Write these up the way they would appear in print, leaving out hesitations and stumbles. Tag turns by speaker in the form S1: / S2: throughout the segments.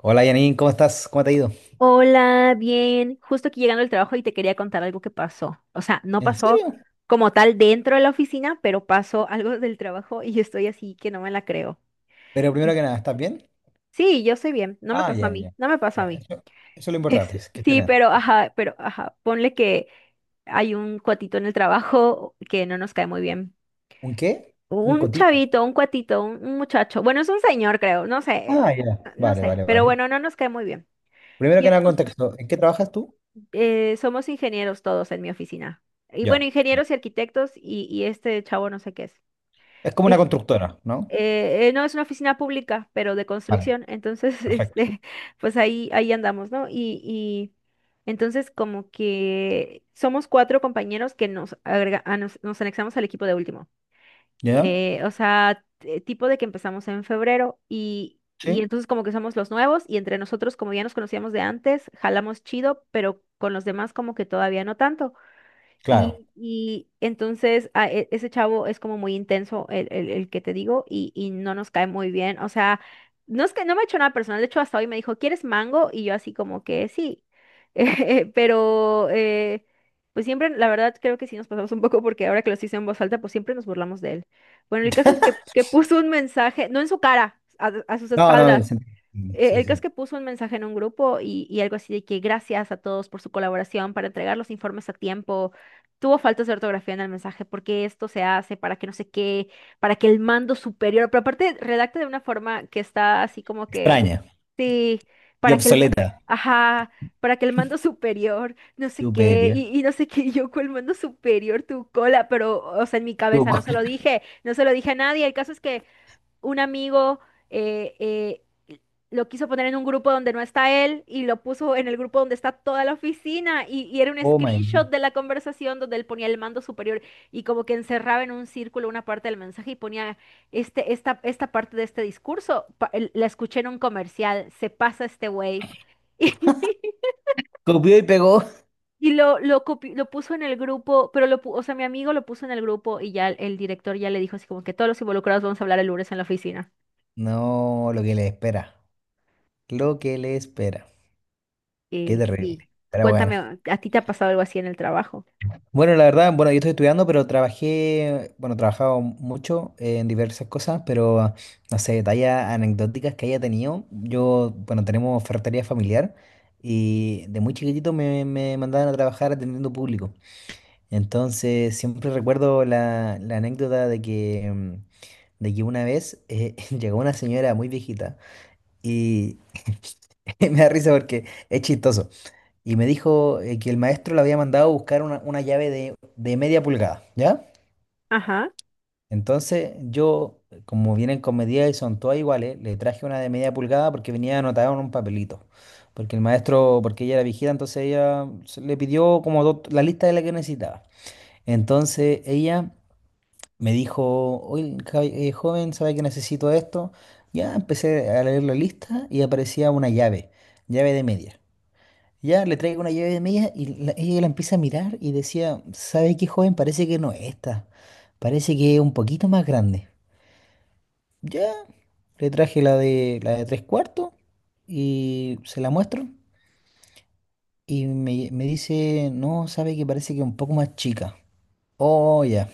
S1: Hola Janine, ¿cómo estás? ¿Cómo te ha ido?
S2: Hola, bien. Justo aquí llegando al trabajo y te quería contar algo que pasó. O sea, no
S1: ¿En
S2: pasó
S1: serio?
S2: como tal dentro de la oficina, pero pasó algo del trabajo y yo estoy así que no me la creo.
S1: Pero primero que nada, ¿estás bien?
S2: Sí, yo sé bien. No me
S1: Ah,
S2: pasó a
S1: ya,
S2: mí.
S1: ya.
S2: No me pasó a
S1: Ya,
S2: mí.
S1: eso es lo importante,
S2: Es-
S1: es que estés
S2: sí,
S1: bien.
S2: pero ajá, pero ajá. Ponle que hay un cuatito en el trabajo que no nos cae muy bien.
S1: ¿Un qué? Un
S2: Un
S1: cotito.
S2: chavito, un cuatito, un muchacho. Bueno, es un señor, creo. No sé,
S1: Ah, ya.
S2: no
S1: Vale,
S2: sé.
S1: vale,
S2: Pero
S1: vale.
S2: bueno, no nos cae muy bien.
S1: Primero que nada, contexto. ¿En qué trabajas tú?
S2: Somos ingenieros todos en mi oficina. Y bueno,
S1: Ya. Ya.
S2: ingenieros y arquitectos y este chavo no sé qué es.
S1: Es como una
S2: Es-
S1: constructora, ¿no?
S2: no es una oficina pública, pero de
S1: Vale,
S2: construcción. Entonces,
S1: perfecto.
S2: pues ahí andamos, ¿no? Y entonces como que somos cuatro compañeros que nos, agrega- a nos, nos anexamos al equipo de último
S1: ¿Ya?
S2: o sea, tipo de que empezamos en febrero y
S1: Sí,
S2: entonces como que somos los nuevos y entre nosotros como ya nos conocíamos de antes, jalamos chido, pero con los demás como que todavía no tanto.
S1: claro.
S2: Y entonces ese chavo es como muy intenso, el que te digo, y no nos cae muy bien. O sea, no es que no me ha hecho nada personal. De hecho, hasta hoy me dijo, ¿quieres mango? Y yo así como que sí. Pero, pues siempre, la verdad, creo que sí nos pasamos un poco porque ahora que lo hice en voz alta, pues siempre nos burlamos de él. Bueno, el caso es que puso un mensaje, no en su cara, a sus
S1: No, no, es-
S2: espaldas. eh,
S1: Sí,
S2: El caso es
S1: sí.
S2: que puso un mensaje en un grupo y algo así de que gracias a todos por su colaboración para entregar los informes a tiempo. Tuvo faltas de ortografía en el mensaje, porque esto se hace para que no sé qué, para que el mando superior, pero aparte redacta de una forma que está así como que,
S1: Extraña
S2: sí,
S1: y
S2: para que
S1: obsoleta.
S2: ajá, para que el mando superior, no sé qué,
S1: Superior.
S2: y no sé qué, y yo con el mando superior, tu cola, pero, o sea, en mi
S1: Tu co-
S2: cabeza no se lo dije, no se lo dije a nadie. El caso es que un amigo eh, eh, lo quiso poner en un grupo donde no está él y lo puso en el grupo donde está toda la oficina y era un
S1: Oh my
S2: screenshot
S1: God.
S2: de la conversación donde él ponía el mando superior y como que encerraba en un círculo una parte del mensaje y ponía esta parte de este discurso, la escuché en un comercial, se pasa este güey.
S1: Copió y pegó.
S2: Y lo puso en el grupo, pero o sea, mi amigo lo puso en el grupo y ya el director ya le dijo así como que todos los involucrados vamos a hablar el lunes en la oficina.
S1: No, lo que le espera. Lo que le espera. Qué
S2: Sí.
S1: terrible. Pero bueno.
S2: Cuéntame, ¿a ti te ha pasado algo así en el trabajo?
S1: Bueno, la verdad, bueno, yo estoy estudiando, pero trabajé, bueno, he trabajado mucho en diversas cosas, pero no sé, detalles anecdóticas que haya tenido. Yo, bueno, tenemos ferretería familiar y de muy chiquitito me mandaban a trabajar atendiendo público. Entonces, siempre recuerdo la anécdota de que, de que una vez llegó una señora muy viejita y me da risa porque es chistoso. Y me dijo que el maestro le había mandado a buscar una llave de media pulgada, ¿ya?
S2: Ajá.
S1: Entonces yo, como vienen con medidas y son todas iguales, le traje una de media pulgada porque venía anotada en un papelito. Porque el maestro, porque ella era vigila, entonces le pidió como la lista de la que necesitaba. Entonces ella me dijo, oye, joven, ¿sabe que necesito esto? Ya empecé a leer la lista y aparecía una llave, llave de media. Ya le traigo una llave de media y ella la empieza a mirar y decía, ¿sabe qué, joven? Parece que no es esta. Parece que es un poquito más grande. Ya, le traje la de tres cuartos y se la muestro. Y me dice, no, sabe que parece que es un poco más chica. Oh, ya.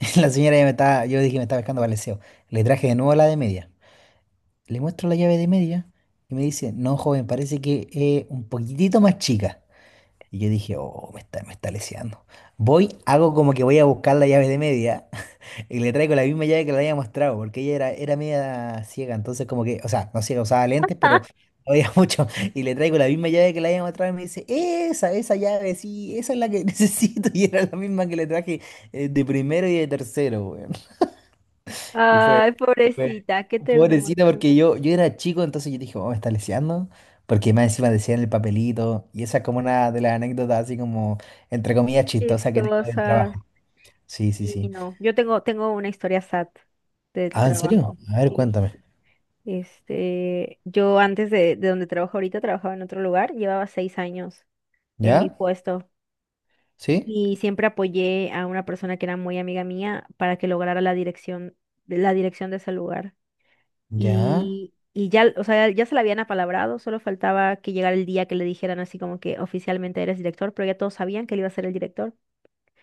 S1: La señora ya me estaba, yo dije, me estaba pescando baleseo. Le traje de nuevo la de media. Le muestro la llave de media y me dice, no, joven, parece que es un poquitito más chica. Y yo dije, oh, me está leseando. Voy, hago como que voy a buscar la llave de media y le traigo la misma llave que le había mostrado, porque ella era, era media ciega, entonces como que, o sea, no ciega, usaba lentes, pero no veía mucho. Y le traigo la misma llave que le había mostrado y me dice, esa llave, sí, esa es la que necesito. Y era la misma que le traje de primero y de tercero, y
S2: Ay,
S1: fue
S2: pobrecita, qué ternura.
S1: pobrecita porque yo era chico, entonces yo dije, oh, me está leseando. Porque más encima decía en el papelito. Y esa es como una de las anécdotas así como, entre comillas, chistosa que tengo del
S2: Chistosas.
S1: trabajo. Sí, sí,
S2: Y
S1: sí.
S2: no, yo tengo una historia sad del
S1: Ah, ¿en serio?
S2: trabajo.
S1: A ver,
S2: Sí.
S1: cuéntame.
S2: Yo antes de donde trabajo ahorita, trabajaba en otro lugar, llevaba 6 años en mi
S1: ¿Ya?
S2: puesto
S1: ¿Sí?
S2: y siempre apoyé a una persona que era muy amiga mía para que lograra la dirección de ese lugar.
S1: ¿Ya?
S2: Y ya, o sea, ya se la habían apalabrado, solo faltaba que llegara el día que le dijeran así como que oficialmente eres director, pero ya todos sabían que él iba a ser el director.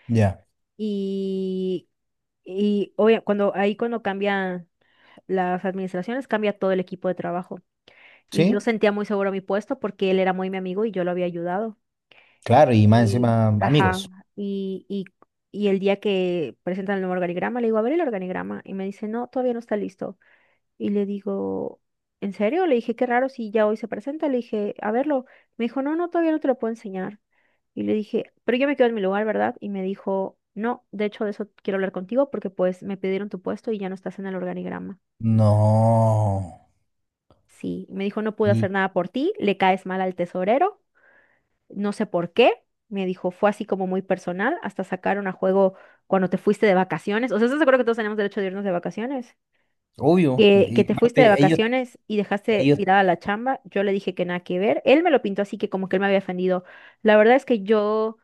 S1: ¿Ya?
S2: Y, y ahí cuando cambian las administraciones, cambia todo el equipo de trabajo. Y yo
S1: ¿Sí?
S2: sentía muy seguro mi puesto porque él era muy mi amigo y yo lo había ayudado.
S1: Claro, y más
S2: Y
S1: encima,
S2: ajá,
S1: amigos.
S2: y, y, y el día que presentan el nuevo organigrama, le digo, a ver el organigrama. Y me dice, no, todavía no está listo. Y le digo, ¿en serio? Le dije, qué raro si ya hoy se presenta. Le dije, a verlo. Me dijo, no, no, todavía no te lo puedo enseñar. Y le dije, pero yo me quedo en mi lugar, ¿verdad? Y me dijo, no, de hecho de eso quiero hablar contigo porque pues me pidieron tu puesto y ya no estás en el organigrama.
S1: No.
S2: Sí, y me dijo, no pude hacer
S1: Y,
S2: nada por ti, le caes mal al tesorero, no sé por qué. Me dijo, fue así como muy personal, hasta sacaron a juego cuando te fuiste de vacaciones. O sea, ¿estás de acuerdo que todos tenemos derecho de irnos de vacaciones?
S1: obvio.
S2: Que
S1: Y
S2: te fuiste de
S1: aparte,
S2: vacaciones y dejaste
S1: ellos,
S2: tirada la chamba. Yo le dije que nada que ver. Él me lo pintó así que como que él me había ofendido. La verdad es que yo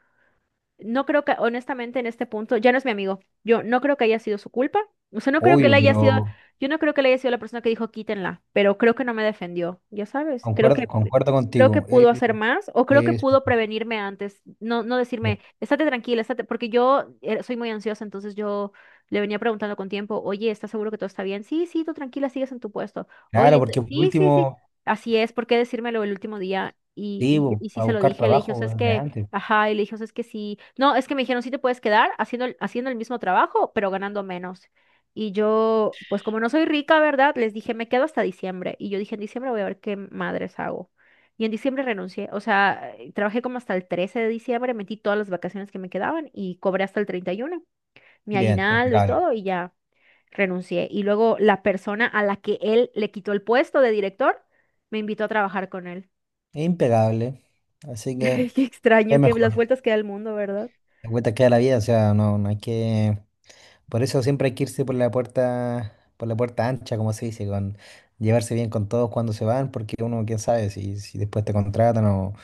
S2: no creo que, honestamente, en este punto, ya no es mi amigo. Yo no creo que haya sido su culpa. O sea, no creo que él
S1: obvio,
S2: haya sido,
S1: pero
S2: yo no creo que él haya sido la persona que dijo quítenla, pero creo que no me defendió, ya sabes.
S1: concuerdo, concuerdo
S2: Creo que
S1: contigo. Él,
S2: pudo hacer más o creo que
S1: es
S2: pudo prevenirme antes. No, no decirme, estate tranquila, estate, porque yo soy muy ansiosa, entonces yo le venía preguntando con tiempo, oye, ¿estás seguro que todo está bien? Sí, sí, tú tranquila, sigues en tu puesto. Oye,
S1: Claro, porque por
S2: sí, sí, sí.
S1: último,
S2: Así es, ¿por qué decírmelo el último día?
S1: sí,
S2: Y sí
S1: para
S2: se lo
S1: buscar
S2: dije, le dije, o sea,
S1: trabajo
S2: es
S1: desde
S2: que
S1: antes.
S2: ajá, y le dije, o sea, es que sí, no, es que me dijeron, sí te puedes quedar haciendo haciendo el mismo trabajo, pero ganando menos. Y yo, pues como no soy rica, ¿verdad? Les dije, me quedo hasta diciembre. Y yo dije, en diciembre voy a ver qué madres hago. Y en diciembre renuncié, o sea, trabajé como hasta el 13 de diciembre, metí todas las vacaciones que me quedaban y cobré hasta el 31 mi
S1: Bien,
S2: aguinaldo y
S1: impecable.
S2: todo, y ya renuncié. Y luego la persona a la que él le quitó el puesto de director, me invitó a trabajar con él.
S1: Impecable. Así que
S2: Qué
S1: es
S2: extraño, que las
S1: mejor.
S2: vueltas que da el mundo, ¿verdad?
S1: La vuelta queda la vida, o sea, no, no hay que. Por eso siempre hay que irse por la puerta ancha, como se dice, con llevarse bien con todos cuando se van, porque uno, quién sabe, si después te contratan o,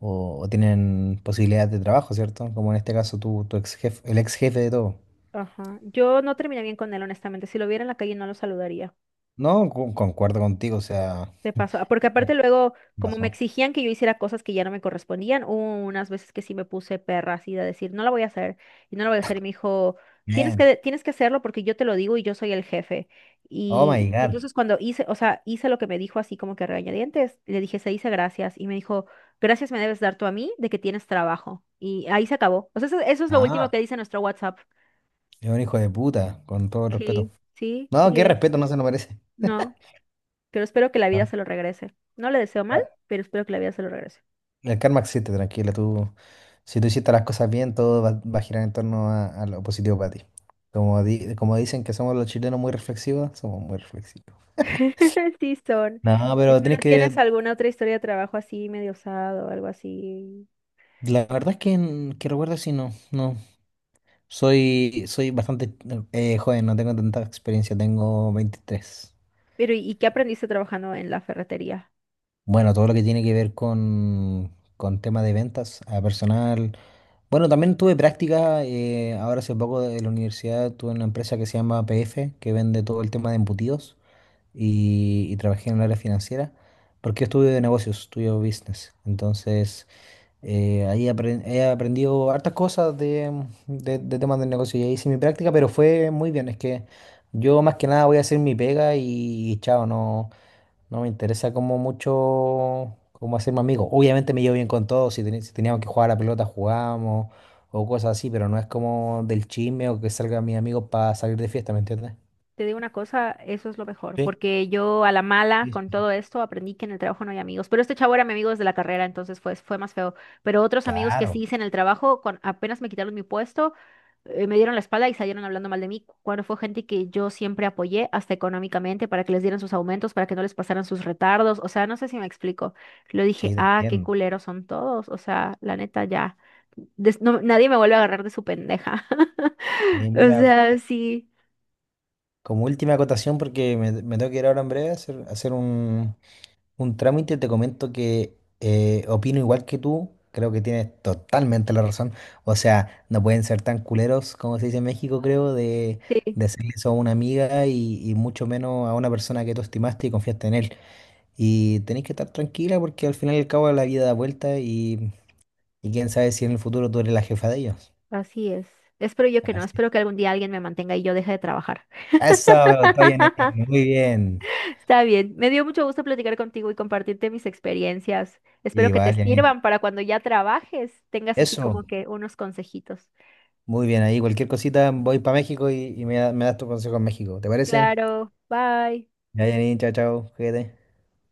S1: o- o tienen posibilidades de trabajo, ¿cierto? Como en este caso tu ex jefe, el ex jefe de todo.
S2: Ajá. Yo no terminé bien con él, honestamente. Si lo viera en la calle, no lo saludaría.
S1: No, concuerdo contigo, o sea,
S2: De paso. Ah, porque aparte
S1: eh,
S2: luego,
S1: ¿qué
S2: como me
S1: pasó?
S2: exigían que yo hiciera cosas que ya no me correspondían, hubo unas veces que sí me puse perra así de decir, no la voy a hacer, y no la voy a hacer. Y me dijo, tienes
S1: Bien.
S2: que, tienes que hacerlo porque yo te lo digo y yo soy el jefe.
S1: Oh
S2: Y,
S1: my
S2: y
S1: God.
S2: entonces cuando hice, o sea, hice lo que me dijo así como que a regañadientes, le dije, se dice gracias. Y me dijo, gracias me debes dar tú a mí de que tienes trabajo. Y ahí se acabó. O sea, eso es lo último
S1: Ah,
S2: que dice nuestro WhatsApp.
S1: es un hijo de puta, con todo el respeto.
S2: Sí, sí,
S1: No,
S2: sí
S1: qué
S2: es.
S1: respeto, no se nos parece.
S2: No, pero espero que la vida
S1: Ah,
S2: se lo regrese. No le deseo mal,
S1: ah,
S2: pero espero que la vida se lo regrese.
S1: el karma existe, tranquila. Tú, si tú hiciste las cosas bien, todo va, va a girar en torno a lo positivo para ti. Como, como dicen que somos los chilenos muy reflexivos, somos muy reflexivos.
S2: Sí son.
S1: No,
S2: ¿Y
S1: pero
S2: tú no
S1: tenés
S2: tienes
S1: que.
S2: alguna otra historia de trabajo así, medio osado o algo así?
S1: La verdad es que, que recuerdo si no, no. Soy bastante joven, no tengo tanta experiencia, tengo 23.
S2: Pero, ¿y qué aprendiste trabajando en la ferretería?
S1: Bueno, todo lo que tiene que ver con tema de ventas a personal. Bueno, también tuve práctica, ahora hace poco de la universidad tuve una empresa que se llama PF, que vende todo el tema de embutidos y trabajé en el área financiera, porque yo estudio de negocios, estudio business. Entonces, ahí he aprendido hartas cosas de, de temas de negocio y ahí hice mi práctica, pero fue muy bien. Es que yo más que nada voy a hacer mi pega y chao, no. No me interesa como mucho como hacerme amigo. Obviamente me llevo bien con todos, si, si teníamos que jugar a la pelota jugábamos o cosas así, pero no es como del chisme o que salgan mis amigos para salir de fiesta, ¿me entiendes?
S2: Te digo una cosa, eso es lo mejor,
S1: Sí,
S2: porque yo a la mala
S1: sí,
S2: con
S1: sí.
S2: todo esto aprendí que en el trabajo no hay amigos, pero este chavo era mi amigo desde la carrera, entonces fue más feo, pero otros amigos que sí
S1: Claro,
S2: hice en el trabajo, apenas me quitaron mi puesto, me dieron la espalda y salieron hablando mal de mí, cuando fue gente que yo siempre apoyé hasta económicamente para que les dieran sus aumentos, para que no les pasaran sus retardos, o sea, no sé si me explico. Lo
S1: sí,
S2: dije,
S1: te
S2: ah, qué
S1: entiendo.
S2: culeros son todos, o sea, la neta ya, nadie me vuelve a agarrar de su pendeja.
S1: Sí,
S2: O
S1: mira,
S2: sea, sí,
S1: como última acotación, porque me tengo que ir ahora en breve a hacer un trámite. Te comento que opino igual que tú, creo que tienes totalmente la razón. O sea, no pueden ser tan culeros como se dice en México, creo,
S2: sí,
S1: de hacer eso a una amiga y mucho menos a una persona que tú estimaste y confiaste en él. Y tenés que estar tranquila porque al final y al cabo la vida da vuelta y quién sabe si en el futuro tú eres la jefa de ellos.
S2: así es. Espero yo que no,
S1: Así.
S2: espero que algún día alguien me mantenga y yo deje de trabajar.
S1: Eso, me gustó, Janine. Muy bien.
S2: Está bien, me dio mucho gusto platicar contigo y compartirte mis experiencias. Espero que te
S1: Igual, Janine.
S2: sirvan para cuando ya trabajes, tengas así
S1: Eso.
S2: como que unos consejitos.
S1: Muy bien, ahí cualquier cosita voy para México y me das tu consejo en México. ¿Te parece?
S2: Claro, bye.
S1: Ya, Janine, chao, chao, cuídate.